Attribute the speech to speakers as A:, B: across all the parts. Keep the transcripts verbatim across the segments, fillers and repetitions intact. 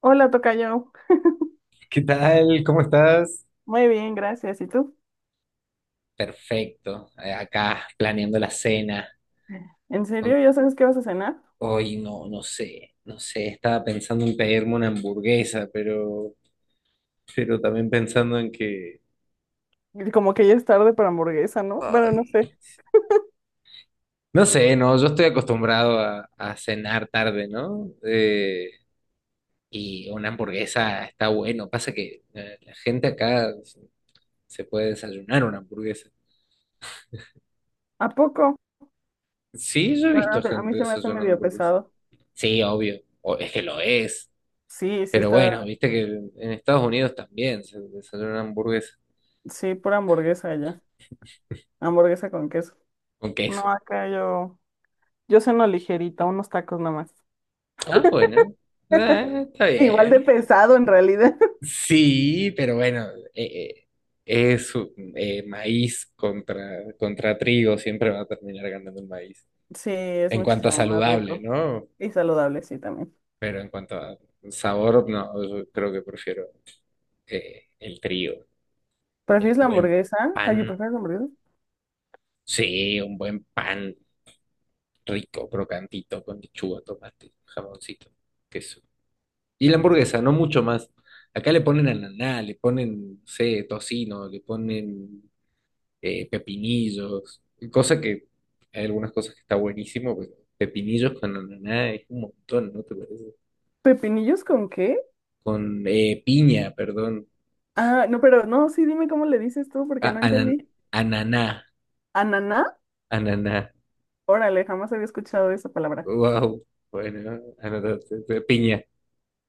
A: Hola, tocayo.
B: ¿Qué tal? ¿Cómo estás?
A: Muy bien, gracias. ¿Y tú?
B: Perfecto. eh, Acá planeando la cena.
A: ¿En
B: Con-
A: serio? ¿Ya sabes qué vas a cenar?
B: Hoy no, no sé, no sé. Estaba pensando en pedirme una hamburguesa, pero, pero también pensando en que,
A: Y como que ya es tarde para hamburguesa, ¿no? Bueno, no
B: ay,
A: sé.
B: no sé, no. Yo estoy acostumbrado a, a cenar tarde, ¿no? Eh, y una hamburguesa está bueno. Pasa que eh, la gente acá se se puede desayunar una hamburguesa.
A: ¿A poco?
B: Sí, yo he
A: Ah,
B: visto
A: a mí
B: gente
A: se me hace
B: desayunando
A: medio
B: hamburguesa.
A: pesado.
B: Sí, obvio. O- es que lo es.
A: Sí, sí
B: Pero
A: está,
B: bueno, viste que en Estados Unidos también se, se hace una hamburguesa
A: sí, pura hamburguesa ya. Hamburguesa con queso.
B: con queso.
A: No, acá yo, yo ceno ligerita, unos tacos nomás.
B: Ah, bueno. Ah, está
A: Igual de
B: bien.
A: pesado en realidad.
B: Sí, pero bueno, eh, eh, es eh, maíz contra, contra trigo, siempre va a terminar ganando el maíz.
A: Sí, es
B: En cuanto a
A: muchísimo más
B: saludable,
A: rico.
B: ¿no?
A: Y saludable, sí, también.
B: Pero en cuanto a sabor, no, yo creo que prefiero eh, el trigo, el
A: ¿Prefieres la
B: buen
A: hamburguesa? Ay,
B: pan.
A: ¿prefieres la hamburguesa?
B: Sí, un buen pan rico, crocantito, con lechuga, tomate, jamoncito, queso. Y la hamburguesa, no mucho más. Acá le ponen ananá, le ponen, no sé, tocino, le ponen eh, pepinillos, cosa que hay algunas cosas que está buenísimo, pero pepinillos con ananá es un montón, ¿no te parece?
A: ¿Pepinillos con qué?
B: Con eh, piña, perdón.
A: Ah, no, pero no, sí, dime cómo le dices tú, porque
B: Ah,
A: no
B: anan-
A: entendí.
B: ananá,
A: ¿Ananá?
B: ananá.
A: Órale, jamás había escuchado esa palabra.
B: Wow, bueno, ananá, piña.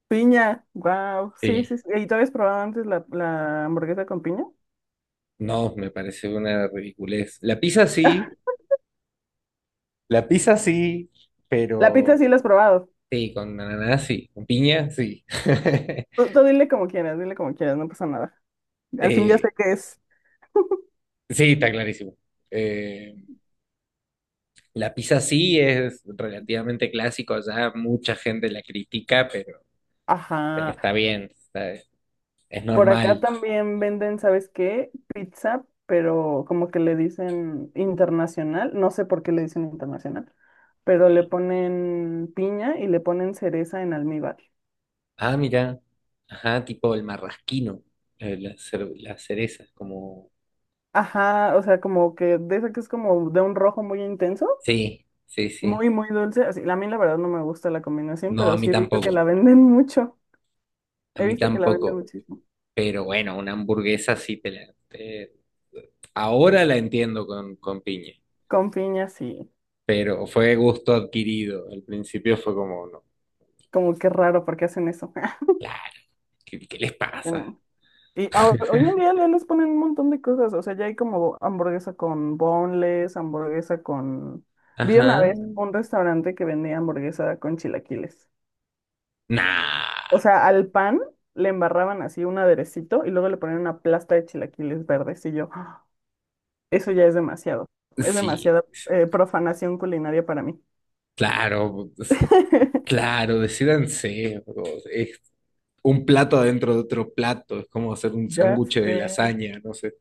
A: Piña, wow, sí,
B: Sí,
A: sí, sí. ¿Y tú habías probado antes la, la hamburguesa con piña?
B: no, me parece una ridiculez. La pizza sí, la pizza sí,
A: La pizza
B: pero...
A: sí la has probado.
B: Sí, con ananá, sí. Con piña, sí.
A: Tú, tú dile como quieras, dile como quieras, no pasa nada. Al fin ya sé
B: Eh,
A: qué es.
B: sí, está clarísimo. Eh, la pizza sí es relativamente clásico allá, mucha gente la critica, pero, pero
A: Ajá.
B: está bien, está- es
A: Por acá
B: normal.
A: también venden, ¿sabes qué? Pizza, pero como que le dicen internacional. No sé por qué le dicen internacional, pero le ponen piña y le ponen cereza en almíbar.
B: Ah, mira. Ajá, tipo el marrasquino, eh, la, cer- la cereza, como...
A: Ajá, o sea, como que de esa que es como de un rojo muy intenso.
B: Sí, sí, sí.
A: Muy, muy dulce. Así, a mí la verdad no me gusta la combinación,
B: No, a
A: pero
B: mí
A: sí he visto que
B: tampoco,
A: la venden mucho.
B: a
A: He
B: mí
A: visto que la venden
B: tampoco.
A: muchísimo.
B: Pero bueno, una hamburguesa sí te la... te- Ahora la entiendo con, con piña.
A: Con piñas y
B: Pero fue gusto adquirido. Al principio fue como, no,
A: como que raro porque hacen eso.
B: claro, ¿qué, qué les pasa?
A: Bueno, y ahora- hoy en día ya les ponen un montón de cosas. O sea, ya hay como hamburguesa con boneless, hamburguesa con... Vi una
B: Ajá.
A: vez un restaurante que vendía hamburguesa con chilaquiles. O
B: Nah,
A: sea, al pan le embarraban así un aderecito y luego le ponían una plasta de chilaquiles verdes y yo. Eso ya es demasiado. Es
B: sí,
A: demasiada
B: sí,
A: eh, profanación culinaria para mí.
B: claro, pues, claro, decídanse. o sea, Es un plato adentro de otro plato, es como hacer un
A: Ya
B: sándwich
A: sé.
B: de lasaña, no sé.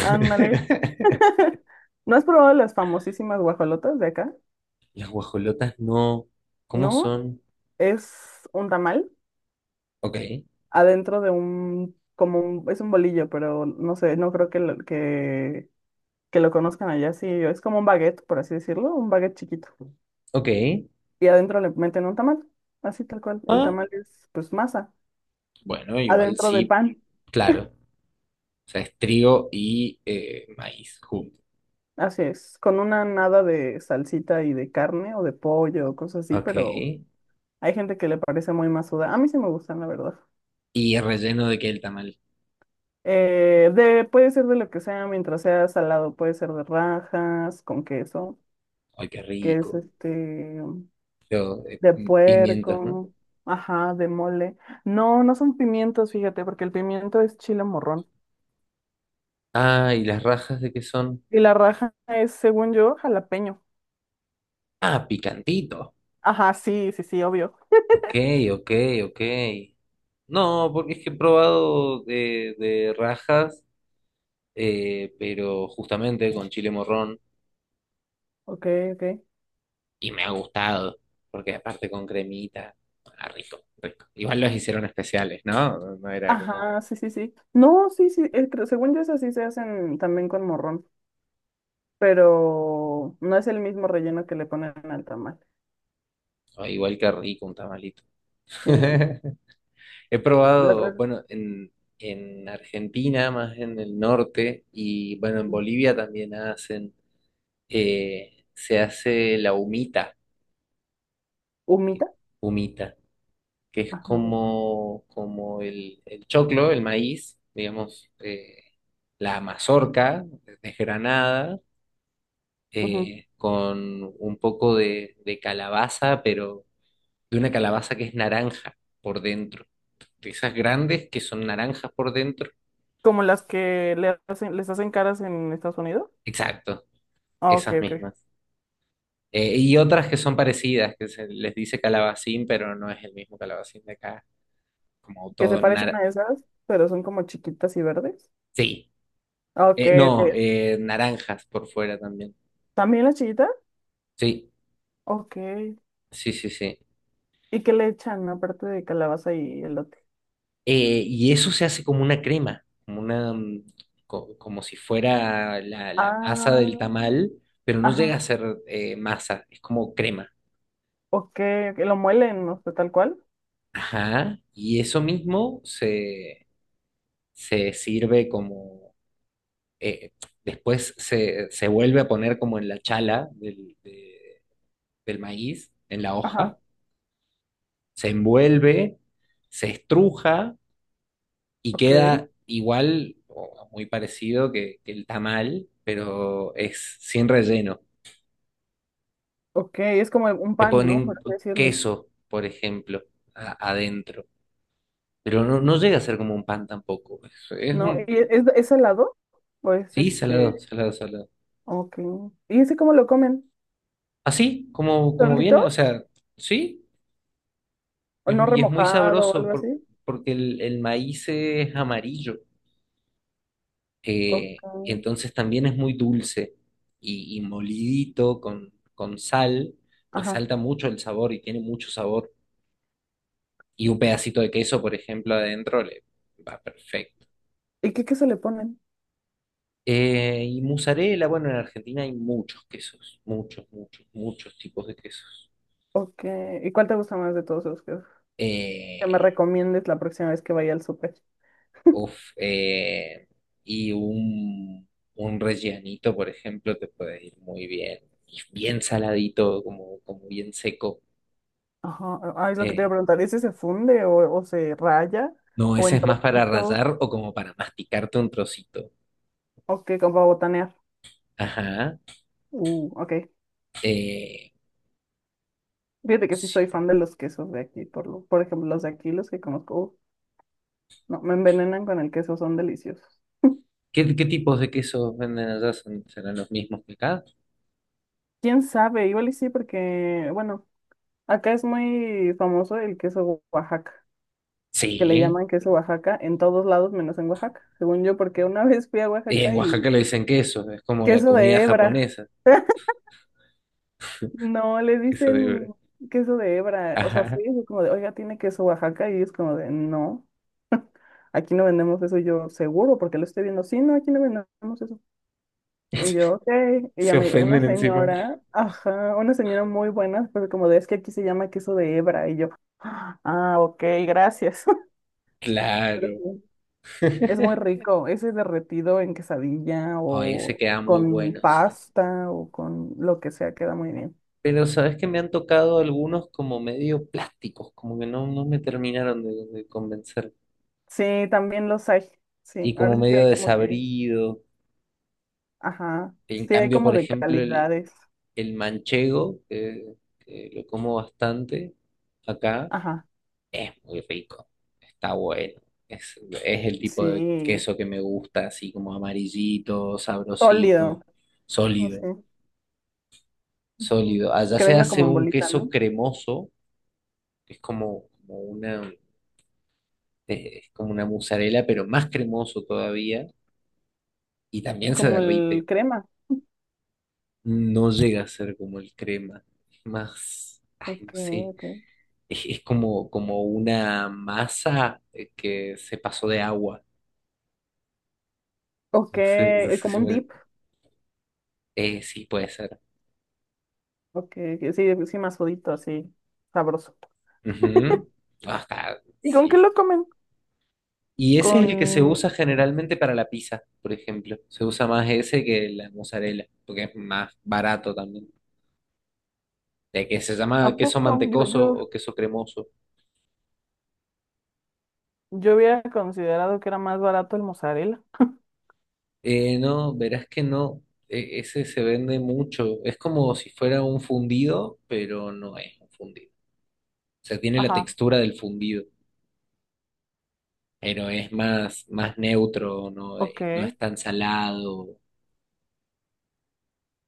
A: Ándale. ¿No has probado las famosísimas guajolotas de acá?
B: Las guajolotas no, ¿cómo
A: No,
B: son?
A: es un tamal
B: Ok,
A: adentro de un, como un, es un bolillo, pero no sé, no creo que lo, que, que lo conozcan allá. Sí, es como un baguette, por así decirlo, un baguette chiquito.
B: ok.
A: Y adentro le meten un tamal, así tal cual. El
B: Ah,
A: tamal es pues masa,
B: bueno, igual
A: adentro de
B: sí,
A: pan.
B: claro. O sea, es trigo y eh, maíz juntos.
A: Así es, con una nada de salsita y de carne o de pollo o cosas así,
B: Ok.
A: pero hay gente que le parece muy masuda. A mí sí me gustan, la verdad.
B: Y relleno de qué el tamal.
A: Eh, de, puede ser de lo que sea, mientras sea salado, puede ser de rajas, con queso,
B: Ay, qué
A: que es
B: rico.
A: este,
B: Yo, eh,
A: de
B: mm, pimientos, ¿no?
A: puerco, ajá, de mole. No, no son pimientos, fíjate, porque el pimiento es chile morrón.
B: Ah, ¿y las rajas de qué son?
A: Y la raja es, según yo, jalapeño.
B: Ah, picantito.
A: Ajá, sí, sí, sí, obvio.
B: Ok, ok, ok. No, porque es que he probado de, de rajas, eh, pero justamente con chile morrón
A: Ok, ok.
B: y me ha gustado, porque aparte con cremita, ah, rico, rico. Igual los hicieron especiales, ¿no? No no era como,
A: Ajá, sí, sí, sí. No, sí, sí, eh, creo- según yo esas sí se hacen también con morrón, pero no es el mismo relleno que le ponen al tamal.
B: "Ay, igual que rico un tamalito.
A: Sí.
B: He
A: Las
B: probado,
A: las-
B: bueno, en, en Argentina, más en el norte, y bueno, en Bolivia también hacen, eh, se hace la humita,
A: Humita.
B: humita, que es
A: Ajá.
B: como, como el, el choclo, el maíz, digamos, eh, la mazorca desgranada,
A: Ujú.
B: eh, con un poco de, de calabaza, pero de una calabaza que es naranja por dentro, de esas grandes que son naranjas por dentro,
A: Como las que le hacen, les hacen caras en Estados Unidos.
B: exacto,
A: Ah, ok,
B: esas
A: ok.
B: mismas. Eh, y otras que son parecidas, que se les dice calabacín, pero no es el mismo calabacín de acá, como
A: Que se
B: todo
A: parecen
B: nar
A: a esas, pero son como chiquitas y verdes.
B: sí,
A: Ah, ok,
B: Eh, no,
A: ok.
B: eh, naranjas por fuera también.
A: ¿También las chiquitas?
B: Sí,
A: Ok.
B: sí, sí, sí.
A: ¿Y qué le echan aparte de calabaza y elote?
B: Eh, y eso se hace como una crema, como una, mm, co- como si fuera la, la masa del
A: Ah,
B: tamal, pero no llega
A: ajá.
B: a ser eh, masa, es como crema.
A: Ok, ok, lo muelen, no sé, tal cual.
B: Ajá. Y eso mismo se, se sirve como eh, después se, se vuelve a poner como en la chala del, de- del maíz, en la
A: Ajá,
B: hoja, se envuelve, se estruja y
A: ok,
B: queda igual o muy parecido que, que el tamal, pero es sin relleno.
A: ok, es como un
B: Le
A: pan, ¿no? Por
B: ponen
A: así decirlo,
B: queso, por ejemplo, a- adentro, pero no, no llega a ser como un pan tampoco. Es, es
A: ¿no? ¿Y
B: un,
A: e- es, es helado? ¿O es
B: sí,
A: este?
B: salado, salado, salado.
A: Ok. ¿Y ese cómo lo comen?
B: Así, como, como
A: ¿Solito?
B: viene, o sea, sí.
A: ¿O
B: Es-
A: no
B: y es muy
A: remojado o
B: sabroso
A: algo
B: por-
A: así?
B: porque el, el maíz es amarillo,
A: Ok,
B: eh, y entonces también es muy dulce y, y molidito con, con sal,
A: ajá.
B: resalta mucho el sabor y tiene mucho sabor. Y un pedacito de queso, por ejemplo, adentro le va perfecto.
A: ¿Y qué, qué se le ponen?
B: Eh, y mozzarella, bueno, en Argentina hay muchos quesos, muchos, muchos, muchos tipos de quesos.
A: Ok, ¿y cuál te gusta más de todos los que, que me
B: Eh,
A: recomiendes la próxima vez que vaya al súper?
B: Uf, eh, y un, un rellenito, por ejemplo, te puede ir muy bien. Y bien saladito, como, como bien seco.
A: Ajá, ah, es lo que te iba
B: Eh,
A: a preguntar, ¿ese se funde o, o se raya?
B: no,
A: ¿O
B: ese
A: en
B: es más para
A: trocitos?
B: rallar o como para masticarte un trocito.
A: Ok, como para botanear.
B: Ajá.
A: Uh, ok.
B: Eh,
A: Fíjate que sí
B: sí.
A: soy fan de los quesos de aquí, por lo, por ejemplo, los de aquí, los que conozco, uf, no, me envenenan con el queso, son deliciosos.
B: ¿Qué, qué tipos de quesos venden allá? ¿Son- ¿Serán los mismos que acá?
A: ¿Quién sabe? Igual y sí, porque, bueno, acá es muy famoso el queso Oaxaca, que le
B: Sí.
A: llaman queso Oaxaca en todos lados menos en Oaxaca, según yo, porque una vez fui a
B: Y en
A: Oaxaca
B: Oaxaca
A: y
B: le dicen queso, es como la
A: queso
B: comida
A: de hebra,
B: japonesa,
A: no, le
B: queso de
A: dicen
B: hebra.
A: queso de hebra, o sea,
B: Ajá.
A: fui y fue como de, oiga, tiene queso Oaxaca y es como de, no, aquí no vendemos eso, y yo seguro, porque lo estoy viendo, sí, no, aquí no vendemos eso. Y yo, ok. Y ya
B: Se
A: me dijo, una
B: ofenden encima.
A: señora, ajá, una señora muy buena, pero como de, es que aquí se llama queso de hebra. Y yo, ah, ok, gracias. Pero
B: Claro.
A: sí, es muy rico, ese derretido en quesadilla
B: Ahí se
A: o
B: queda muy
A: con
B: bueno, sí.
A: pasta o con lo que sea, queda muy bien.
B: Pero sabes que me han tocado algunos como medio plásticos, como que no, no me terminaron de, de convencer.
A: Sí, también los hay. Sí,
B: Y como
A: ahora sí que
B: medio
A: hay como que,
B: desabrido.
A: ajá,
B: En
A: sí hay
B: cambio,
A: como
B: por
A: de
B: ejemplo, el,
A: calidades.
B: el manchego, que, que lo como bastante acá,
A: Ajá,
B: es muy rico. Está bueno. Es, es el tipo de
A: sí,
B: queso que me gusta, así como amarillito,
A: sólido,
B: sabrosito,
A: no
B: sólido,
A: sé. Ujú.
B: sólido. Allá
A: Que
B: se
A: venga
B: hace
A: como en
B: un
A: bolita,
B: queso
A: ¿no?
B: cremoso, que es como, como una eh, es como una mozzarella, pero más cremoso todavía y también se
A: Como el
B: derrite.
A: crema.
B: No llega a ser como el crema, es más, ay,
A: Ok,
B: no sé,
A: ok.
B: es, es como, como una masa eh, que se pasó de agua.
A: Ok,
B: No sé, no
A: eh,
B: sé
A: como
B: si
A: un
B: me-
A: dip.
B: eh, sí, puede ser.
A: Ok, que sí, sí, más jodito, así, sabroso.
B: Ujú. Ajá,
A: ¿Y con qué
B: sí.
A: lo comen?
B: Y ese es
A: Con...
B: el que se usa generalmente para la pizza, por ejemplo. Se usa más ese que la mozzarella, porque es más barato también. De que se llama
A: ¿A
B: queso
A: poco? Yo,
B: mantecoso
A: yo,
B: o queso cremoso.
A: yo había considerado que era más barato el mozzarella.
B: Eh, no, verás que no. E- ese se vende mucho. Es como si fuera un fundido, pero no es un fundido. O sea, tiene la
A: Ajá,
B: textura del fundido, pero es más, más neutro, no,
A: ok.
B: Eh, no es tan salado.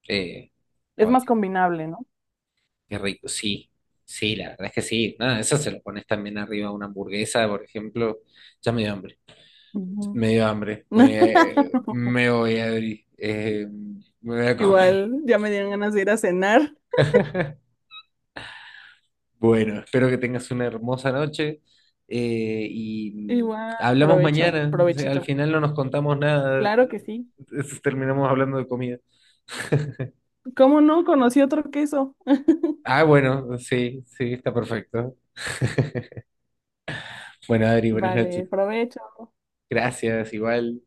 B: Eh,
A: Es más
B: oye,
A: combinable, ¿no?
B: qué rico. Sí, sí, la verdad es que sí. Nada, eso se lo pones también arriba a una hamburguesa, por ejemplo. Ya me dio hambre.
A: Ujú.
B: Me dio hambre. Me, me voy, a Eh, me voy a comer.
A: Igual, ya me dieron ganas de ir a cenar.
B: Bueno, espero que tengas una hermosa noche eh, y
A: Igual,
B: hablamos
A: provecho,
B: mañana. O sea, al
A: provechito.
B: final no nos contamos nada,
A: Claro que sí.
B: terminamos hablando de comida.
A: ¿Cómo no? Conocí otro queso.
B: Ah, bueno, sí, sí, está perfecto. Bueno, Adri, buenas noches.
A: Vale, provecho.
B: Gracias, igual.